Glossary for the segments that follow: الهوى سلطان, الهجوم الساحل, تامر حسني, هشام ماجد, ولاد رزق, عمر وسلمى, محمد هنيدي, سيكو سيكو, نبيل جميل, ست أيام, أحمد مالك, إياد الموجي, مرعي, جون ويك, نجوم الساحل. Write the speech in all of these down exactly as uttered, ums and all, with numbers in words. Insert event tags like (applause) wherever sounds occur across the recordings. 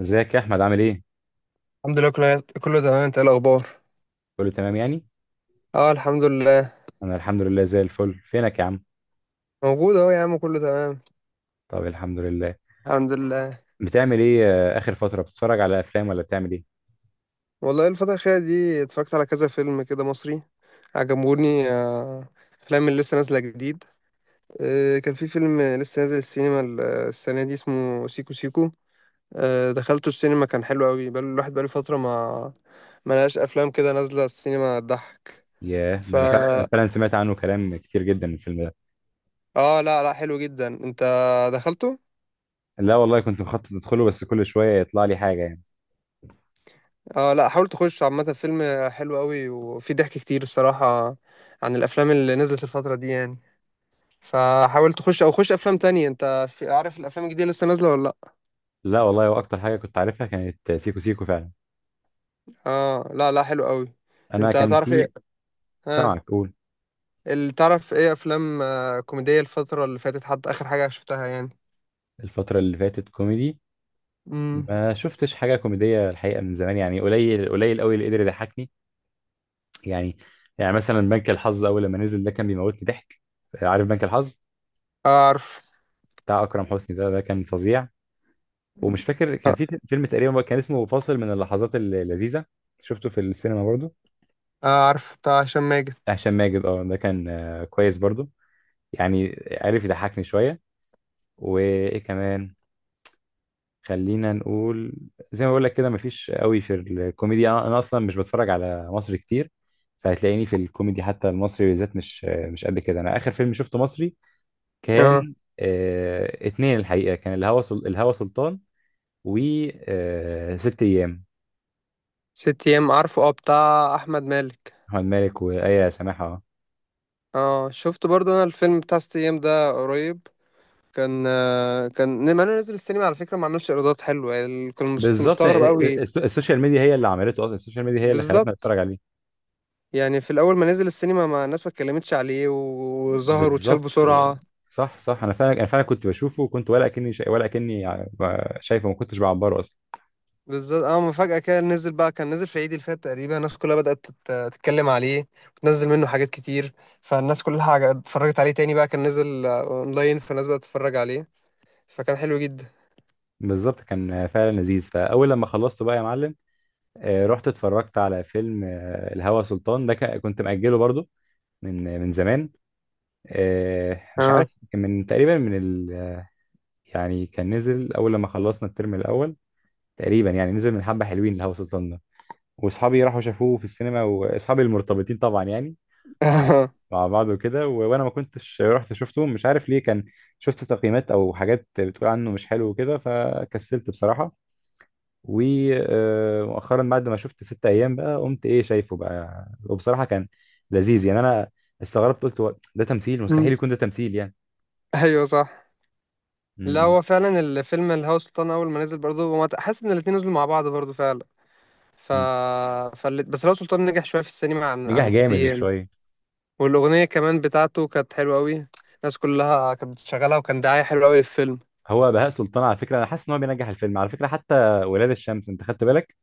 ازيك يا احمد، عامل ايه؟ الحمد لله، كله كله تمام. انت ايه الاخبار؟ كله تمام يعني. اه الحمد لله. انا الحمد لله زي الفل، فينك يا عم؟ موجود اهو يا عم، كله تمام. طب الحمد لله. الحمد لله. بتعمل ايه؟ آه، اخر فتره بتتفرج على افلام ولا بتعمل ايه؟ والله الفتره الاخيره دي اتفرجت على كذا فيلم كده مصري عجبوني، آه، افلام اللي لسه نازله جديد. آه، كان في فيلم لسه نازل السينما ال- السنه دي اسمه سيكو سيكو. آه، دخلته السينما، كان حلو قوي. بقى الواحد بقاله فتره ما ما لقاش افلام كده نازله السينما تضحك. ياه، ف ده انا فعلا أنا فعلا سمعت عنه كلام كتير جدا الفيلم ده. اه، لا لا حلو جدا. انت دخلته؟ لا والله كنت مخطط ادخله، بس كل شويه يطلع لي حاجه يعني. اه لا، حاول تخش. عامة فيلم حلو قوي وفي ضحك كتير الصراحة عن الأفلام اللي نزلت الفترة دي يعني. فحاول تخش أو خش أفلام تانية. أنت في عارف الأفلام الجديدة لسه نازلة ولا لأ؟ لا والله، واكتر حاجه كنت عارفها كانت سيكو سيكو فعلا. اه لا لا حلو قوي. انا أنت كان تعرف إيه؟ في. اه، سامعك، قول. ال- تعرف إيه أفلام آه، كوميدية الفترة اللي فاتت، حتى آخر حاجة شفتها يعني؟ الفتره اللي فاتت كوميدي؟ امم ما شفتش حاجه كوميديه الحقيقه من زمان، يعني قليل قليل قوي اللي قدر يضحكني يعني. يعني مثلا بنك الحظ اول لما نزل ده كان بيموتني ضحك. عارف بنك الحظ؟ أعرف. بتاع اكرم حسني ده ده كان فظيع. ومش فاكر، كان آه، في فيلم تقريبا كان اسمه فاصل من اللحظات اللذيذه، شفته في السينما برضو. أعرف بتاع هشام ماجد. بتاع هشام ماجد اه، ده كان آه، كويس برضو يعني. عارف يضحكني شويه. وايه كمان؟ خلينا نقول زي ما بقول لك كده، مفيش قوي في الكوميديا. انا أنا اصلا مش بتفرج على مصر كتير، فهتلاقيني في الكوميدي حتى المصري بالذات مش آه، مش قد كده. انا اخر فيلم شفته مصري اه كان آه اتنين الحقيقة، كان الهوى سل... الهوى سلطان، و آه ست أيام. ست أيام، عارفه، اه بتاع أحمد مالك. أحمد مالك وآية سماحة. اه شفت برضو أنا الفيلم بتاع ست أيام ده قريب. كان آه، كان لما انا نزل السينما على فكره ما عملش ايرادات حلوه يعني، كان مس- كنت بالظبط، آه، مستغرب آه، قوي. الس- السوشيال ميديا هي اللي عملته أصلا، السوشيال ميديا هي اللي خلتنا بالظبط. نتفرج عليه. يعني في الاول ما نزل السينما ما الناس ما اتكلمتش عليه و- وظهر واتشال بالظبط آه، بسرعه. صح، صح، أنا فعلا أنا فعلا كنت بشوفه وكنت ولا كأني شا... ولا كأني ع- شايفه، ما كنتش بعبره أصلا. بالظبط. اه، ما فجاه كده نزل بقى، كان نزل في عيد اللي فات تقريبا، الناس كلها بدات تت- تتكلم عليه وتنزل منه حاجات كتير. فالناس كلها حاجة- اتفرجت عليه تاني بقى، كان نزل آه، اونلاين، فالناس بدات تتفرج عليه، فكان حلو جدا. بالظبط، كان فعلا لذيذ. فأول لما خلصته بقى يا معلم، آه، رحت اتفرجت على فيلم آه، الهوى سلطان ده. ك- كنت مأجله برضه من من زمان. آه، مش اه. عارف، كان من تقريبا من ال آه، يعني كان نزل اول لما خلصنا الترم الاول تقريبا. يعني نزل من حبه حلوين لهوا سلطان ده. واصحابي راحوا شافوه في السينما، واصحابي المرتبطين طبعا يعني، مع (laughs) مع بعض وكده، و- وانا ما كنتش رحت شفته، مش عارف ليه. كان شفت تقييمات او حاجات بتقول عنه مش حلو وكده، فكسلت بصراحه. ومؤخرا بعد ما شفت ست ايام، بقى قمت ايه شايفه بقى، وبصراحه كان لذيذ يعني. انا استغربت، قلت هو ده تمثيل؟ مم. مستحيل يكون ده تمثيل ايوه صح. لا يعني. هو فعلا الفيلم الهوى سلطان اول ما نزل برضه، هو حاسس ان الاتنين نزلوا مع بعض برضه فعلا. ف... مم. فال... بس الهوى سلطان نجح شويه في السينما عن نجح عن ست جامد، مش ايام. شويه. والاغنيه كمان بتاعته كانت حلوه قوي، الناس كلها كانت بتشغلها، وكان دعايه حلوه قوي للفيلم. هو بهاء سلطان على فكره، انا حاسس ان هو بينجح الفيلم على فكره. حتى ولاد الشمس، انت خدت بالك؟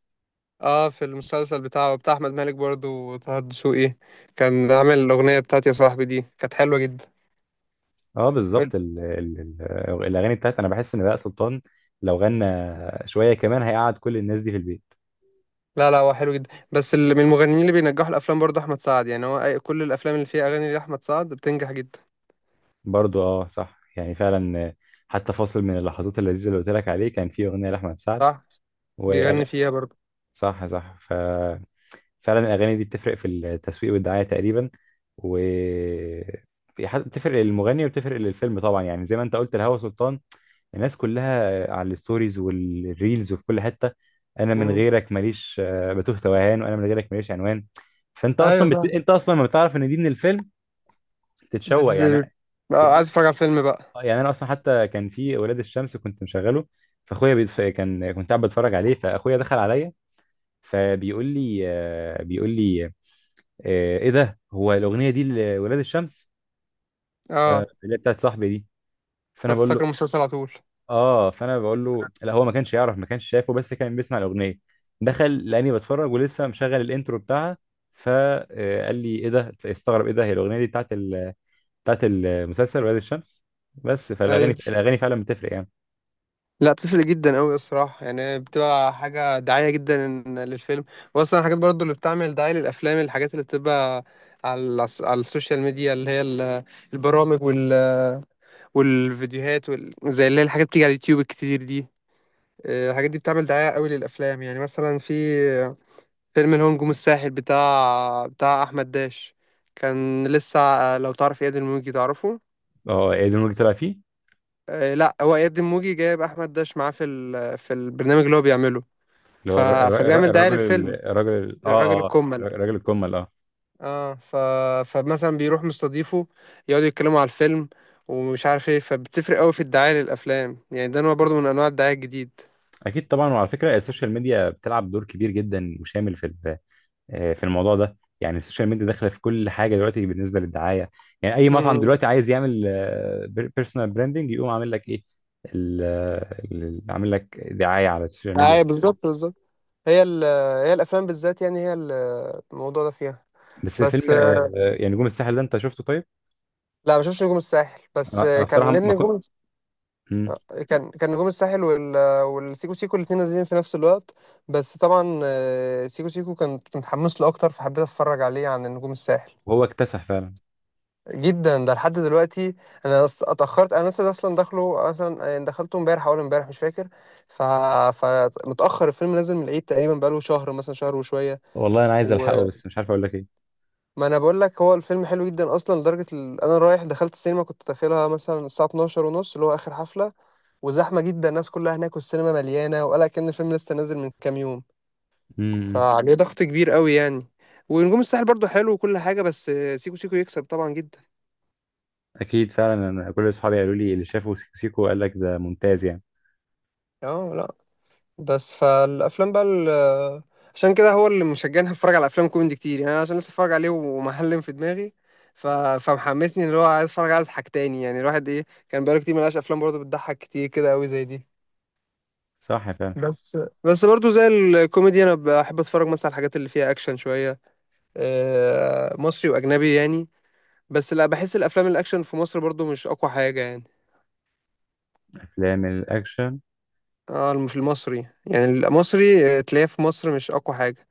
اه، في المسلسل بتاعه بتاع احمد مالك برضه وطه الدسوقي، كان عامل الاغنيه بتاعت يا صاحبي دي، كانت حلوه جدا. اه بالظبط، ال... ال... ال... الاغاني بتاعت، انا بحس ان بهاء سلطان لو غنى شويه كمان هيقعد كل الناس دي في البيت. لا لا، هو حلو جدا، بس اللي من المغنيين اللي بينجحوا الافلام برضه احمد سعد، يعني هو أي- كل الافلام اللي فيها اغاني لاحمد سعد بتنجح جدا. برضو اه صح، يعني فعلا، آه، حتى فاصل من اللحظات اللذيذه اللي قلت لك عليه كان فيه اغنيه لاحمد سعد. صح، وأغ... بيغني فيها برضه. صح، صح، ف فعلا الاغاني دي بتفرق في التسويق والدعايه تقريبا، و بتفرق للمغني وبتفرق للفيلم طبعا يعني. زي ما انت قلت لهوى سلطان، الناس كلها على الستوريز والريلز وفي كل حتة. انا من غيرك ماليش آه، بتوه توهان، وانا من غيرك ماليش عنوان. فانت ايوه اصلا بت... صح. انت اصلا لما بتعرف ان دي من الفيلم بت... تتشوق يعني. بت- اه، يعني أنا- عايز اتفرج على الفيلم بقى. آه، يعني انا اصلا حتى كان في اولاد الشمس كنت مشغله. فاخويا بيتف... كان كنت قاعد بتفرج عليه، فاخويا دخل عليا، فبيقول لي آه، بيقول لي آه، ايه ده، هو الاغنيه دي لولاد الشمس؟ ف- اه، اللي هي بتاعت صاحبي دي. فانا بقول له، فافتكر المسلسل على طول. اه فانا بقول له لا، هو ما كانش يعرف، ما كانش شايفه، بس كان بيسمع الاغنيه. دخل لاني بتفرج ولسه مشغل الانترو بتاعها، فقال لي ايه ده؟ استغرب ايه ده، هي الاغنيه دي بتاعت ال... بتاعت المسلسل ولاد الشمس. بس فالاغاني ايوه. الاغاني فعلا بتفرق يعني. لا بتفرق جدا قوي الصراحه، يعني بتبقى حاجه دعايه جدا للفيلم. واصلا الحاجات برضو اللي بتعمل دعايه للافلام، الحاجات اللي بتبقى على الس- على السوشيال ميديا، اللي هي ال- البرامج وال... والفيديوهات وال... زي اللي هي الحاجات بتيجي على اليوتيوب الكتير دي. آه، الحاجات دي بتعمل دعايه قوي للافلام. يعني مثلا في فيلم الهجوم الساحل بتاع بتاع احمد داش، كان لسه آه، لو تعرف اياد الموجي، تعرفه؟ اه ايه ده اللي طلع فيه؟ آه، لا، هو اياد الموجي جايب احمد داش معاه في ال... في البرنامج اللي هو بيعمله، اللي ف... هو الر- الر- الر- فبيعمل دعاية الراجل للفيلم. ال- الراجل ال- الراجل اه اه الكمل. الراجل الكمل اه. اه، ف... فمثلا بيروح مستضيفه يقعدوا يتكلموا على الفيلم، ومش عارف ايه. فبتفرق قوي في الدعاية للافلام، يعني ده نوع برضه من انواع الدعاية الجديد. اكيد طبعا، وعلى فكره السوشيال ميديا بتلعب دور كبير جدا وشامل في ال... آه، في الموضوع ده. يعني السوشيال ميديا داخله في كل حاجه دلوقتي بالنسبه للدعايه. يعني اي مطعم امم دلوقتي عايز يعمل بيرسونال براندنج يقوم عامل لك ايه؟ ال- ال- عامل لك دعايه على السوشيال ميديا. ايوه بالظبط، بالظبط. هي ال... هي الافلام بالذات يعني، هي ال- الموضوع ده فيها. بس فيلم بس آه، آه، آه، يعني نجوم الساحل ده انت شفته طيب؟ لا، ما بشوفش نجوم الساحل. بس انا أنا كان بصراحه نادي ما كنت. نجوم. كان كان نجوم الساحل وال... والسيكو سيكو الاثنين نازلين في نفس الوقت، بس طبعا آه، سيكو سيكو كنت متحمس له اكتر، فحبيت اتفرج عليه عن نجوم الساحل. وهو اكتسح فعلا. جدا، ده لحد دلوقتي. انا أص- اتاخرت، انا لسه اصلا داخله مثلا، دخلته امبارح اول امبارح مش فاكر. ف... فمتاخر، الفيلم نازل من العيد تقريبا، بقاله شهر مثلا، شهر وشويه. والله انا عايز الحقه، وما بس مش عارف اقول لك ايه. انا بقول لك هو الفيلم حلو جدا اصلا، لدرجه ال... انا رايح دخلت السينما، كنت داخلها مثلا الساعه 12 ونص اللي هو اخر حفله، وزحمة جدا الناس كلها هناك والسينما مليانة، وقال كأن الفيلم لسه نازل من كام يوم، مم. فعليه ضغط كبير قوي يعني. ونجوم الساحل برضو حلو وكل حاجة، بس سيكو سيكو يكسب طبعا جدا. اكيد فعلا، انا كل اصحابي قالوا لي اللي شافوا سيكو سيكو قال لك ده ممتاز يعني. اه لا. بس فالأفلام بقى، ال- عشان كده هو اللي مشجعني اتفرج على أفلام كوميدي كتير، يعني أنا عشان لسه اتفرج عليه ومعلم في دماغي، ف... فمحمسني اللي هو عايز اتفرج على حاجة تاني، يعني الواحد ايه كان بقاله كتير ملقاش أفلام برضو بتضحك كتير كده قوي زي دي. صح فعلا. بس بس برضو زي الكوميدي انا بحب اتفرج مثلا على الحاجات اللي فيها اكشن شوية، آه، مصري واجنبي يعني. بس لا بحس الافلام الاكشن في مصر برضو مش اقوى حاجه يعني. افلام الاكشن، اه الم- في المصري، يعني المصري آه، تلاقيه في مصر مش اقوى حاجه،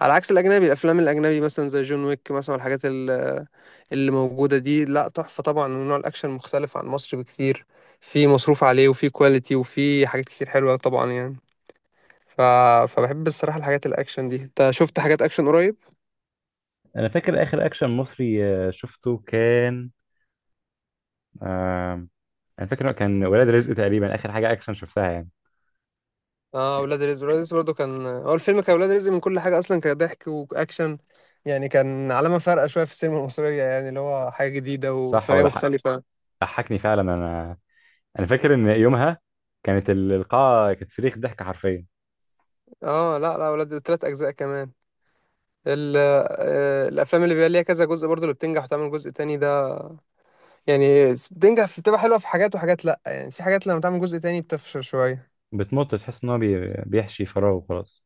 على عكس الاجنبي. الافلام الاجنبي مثلا زي جون ويك مثلا، الحاجات ال- اللي موجوده دي لا تحفه طبعا، ونوع الاكشن مختلف عن مصر بكتير، في مصروف عليه وفي كواليتي وفي حاجات كتير حلوه طبعا يعني. ف... فبحب الصراحه الحاجات الاكشن دي. انت شفت حاجات اكشن قريب؟ انا فاكر اخر اكشن مصري آه، شفته كان آه انا فاكر كان ولاد رزق تقريبا اخر حاجه اكشن شفتها يعني. اه ولاد رزق. ولاد رزق برضه كان هو الفيلم، كان ولاد رزق من كل حاجه اصلا، كضحك واكشن، يعني كان علامه فارقه شويه في السينما المصريه، يعني اللي هو حاجه جديده صح، هو وطريقه ضحك- مختلفه. ضحكني فعلا انا انا فاكر ان يومها كانت ال- القاعه كانت صريخ ضحك حرفيا. اه لا لا، ولاد ثلاث اجزاء كمان. ال آه، الافلام اللي بيبقى ليها كذا جزء برضه اللي بتنجح وتعمل جزء تاني ده، يعني بتنجح في- بتبقى حلوه في حاجات، وحاجات لا، يعني في حاجات لما تعمل جزء تاني بتفشل شويه. بتمط، تحس ان هو بي- بيحشي فراغ وخلاص.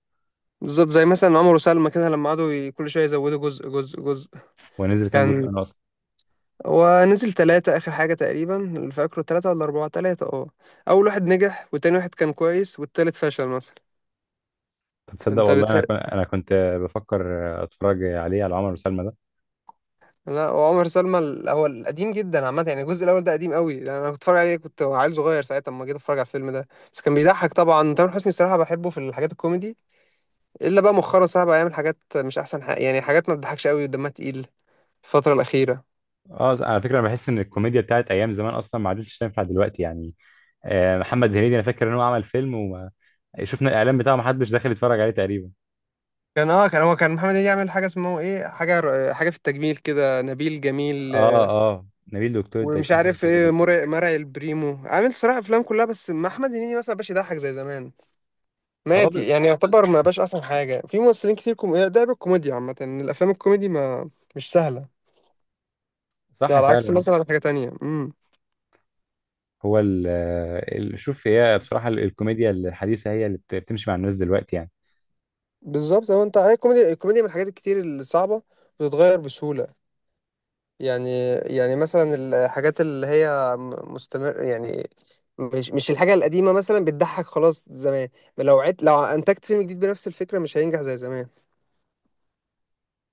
بالظبط، زي مثلا عمر وسلمى كده، لما قعدوا ي- كل شويه يزودوا جزء جزء جزء. ونزل كام جزء كان انا اصلا؟ هو نزل تلاتة آخر حاجة تقريبا اللي فاكره، تلاتة ولا أربعة، تلاتة اه. أول واحد نجح، والتاني واحد كان كويس، والتالت فشل مثلا. طب تصدق فأنت والله، انا بتحب؟ كن- انا كنت بفكر اتفرج عليه، على عمر وسلمى ده. لا وعمر سلمى ال- هو القديم جدا عامة، يعني الجزء الأول ده قديم قوي، لأن أنا كنت بتفرج عليه كنت عيل صغير ساعتها لما جيت أتفرج على الفيلم ده. بس كان بيضحك طبعا، تامر حسني الصراحة بحبه في الحاجات الكوميدي، إلا بقى مؤخرا الصراحة بقى يعمل حاجات مش أحسن حاجة، يعني حاجات ما بتضحكش قوي ودمها تقيل الفترة الأخيرة. اه على فكره، انا بحس ان الكوميديا بتاعت ايام زمان اصلا ما عادتش تنفع دلوقتي يعني. آه محمد هنيدي انا فاكر ان هو عمل فيلم، وما شفنا الاعلان بتاعه، ما حدش دخل يتفرج عليه تقريبا. كان اه، كان هو كان محمد هنيدي يعمل حاجة اسمه ايه، حاجة حاجة في التجميل كده، نبيل جميل اه، اه، نبيل دكتور ومش التجميل عارف حاجه ايه، زي كده. مرعي مرعي البريمو. عامل صراحة افلام كلها بس مع احمد هنيدي مثلا مبقاش يضحك زي زمان، اه مات ب- يعني، يعتبر ما بقاش احسن حاجة في ممثلين كتير. كوم... ده بالكوميديا عامة، ان الافلام الكوميدي ما مش سهلة. ده صح على عكس فعلا. مثلا حاجة تانية. امم هو ال ال- شوف، هي بصراحه ال- الكوميديا الحديثه هي اللي بت- بتمشي مع الناس دلوقتي يعني. بالظبط. هو انت هي الكوميديا، الكوميديا من الحاجات الكتير اللي صعبة، بتتغير بسهولة. يعني يعني مثلا الحاجات اللي هي م- مستمر يعني، مش مش الحاجة القديمة مثلا بتضحك خلاص زمان. لو عدت، لو انتجت فيلم جديد بنفس الفكرة مش هينجح زي زمان.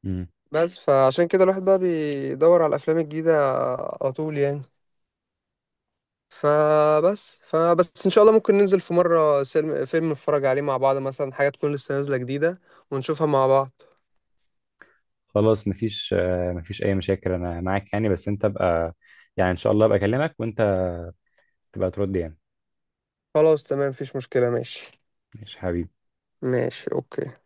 مم. بس فعشان كده الواحد بقى بيدور على الافلام الجديده على طول يعني. فبس فبس ان شاء الله ممكن ننزل في مره سلم فيلم نتفرج عليه مع بعض، مثلا حاجه تكون لسه نازله جديده، ونشوفها مع بعض. خلاص، مفيش آه، مفيش اي مشاكل، انا معاك يعني. بس انت بقى يعني ان شاء الله ابقى اكلمك وانت تبقى ترد يعني. خلاص تمام، مفيش مشكله، ماشي. ماشي حبيبي. ماشي اوكي.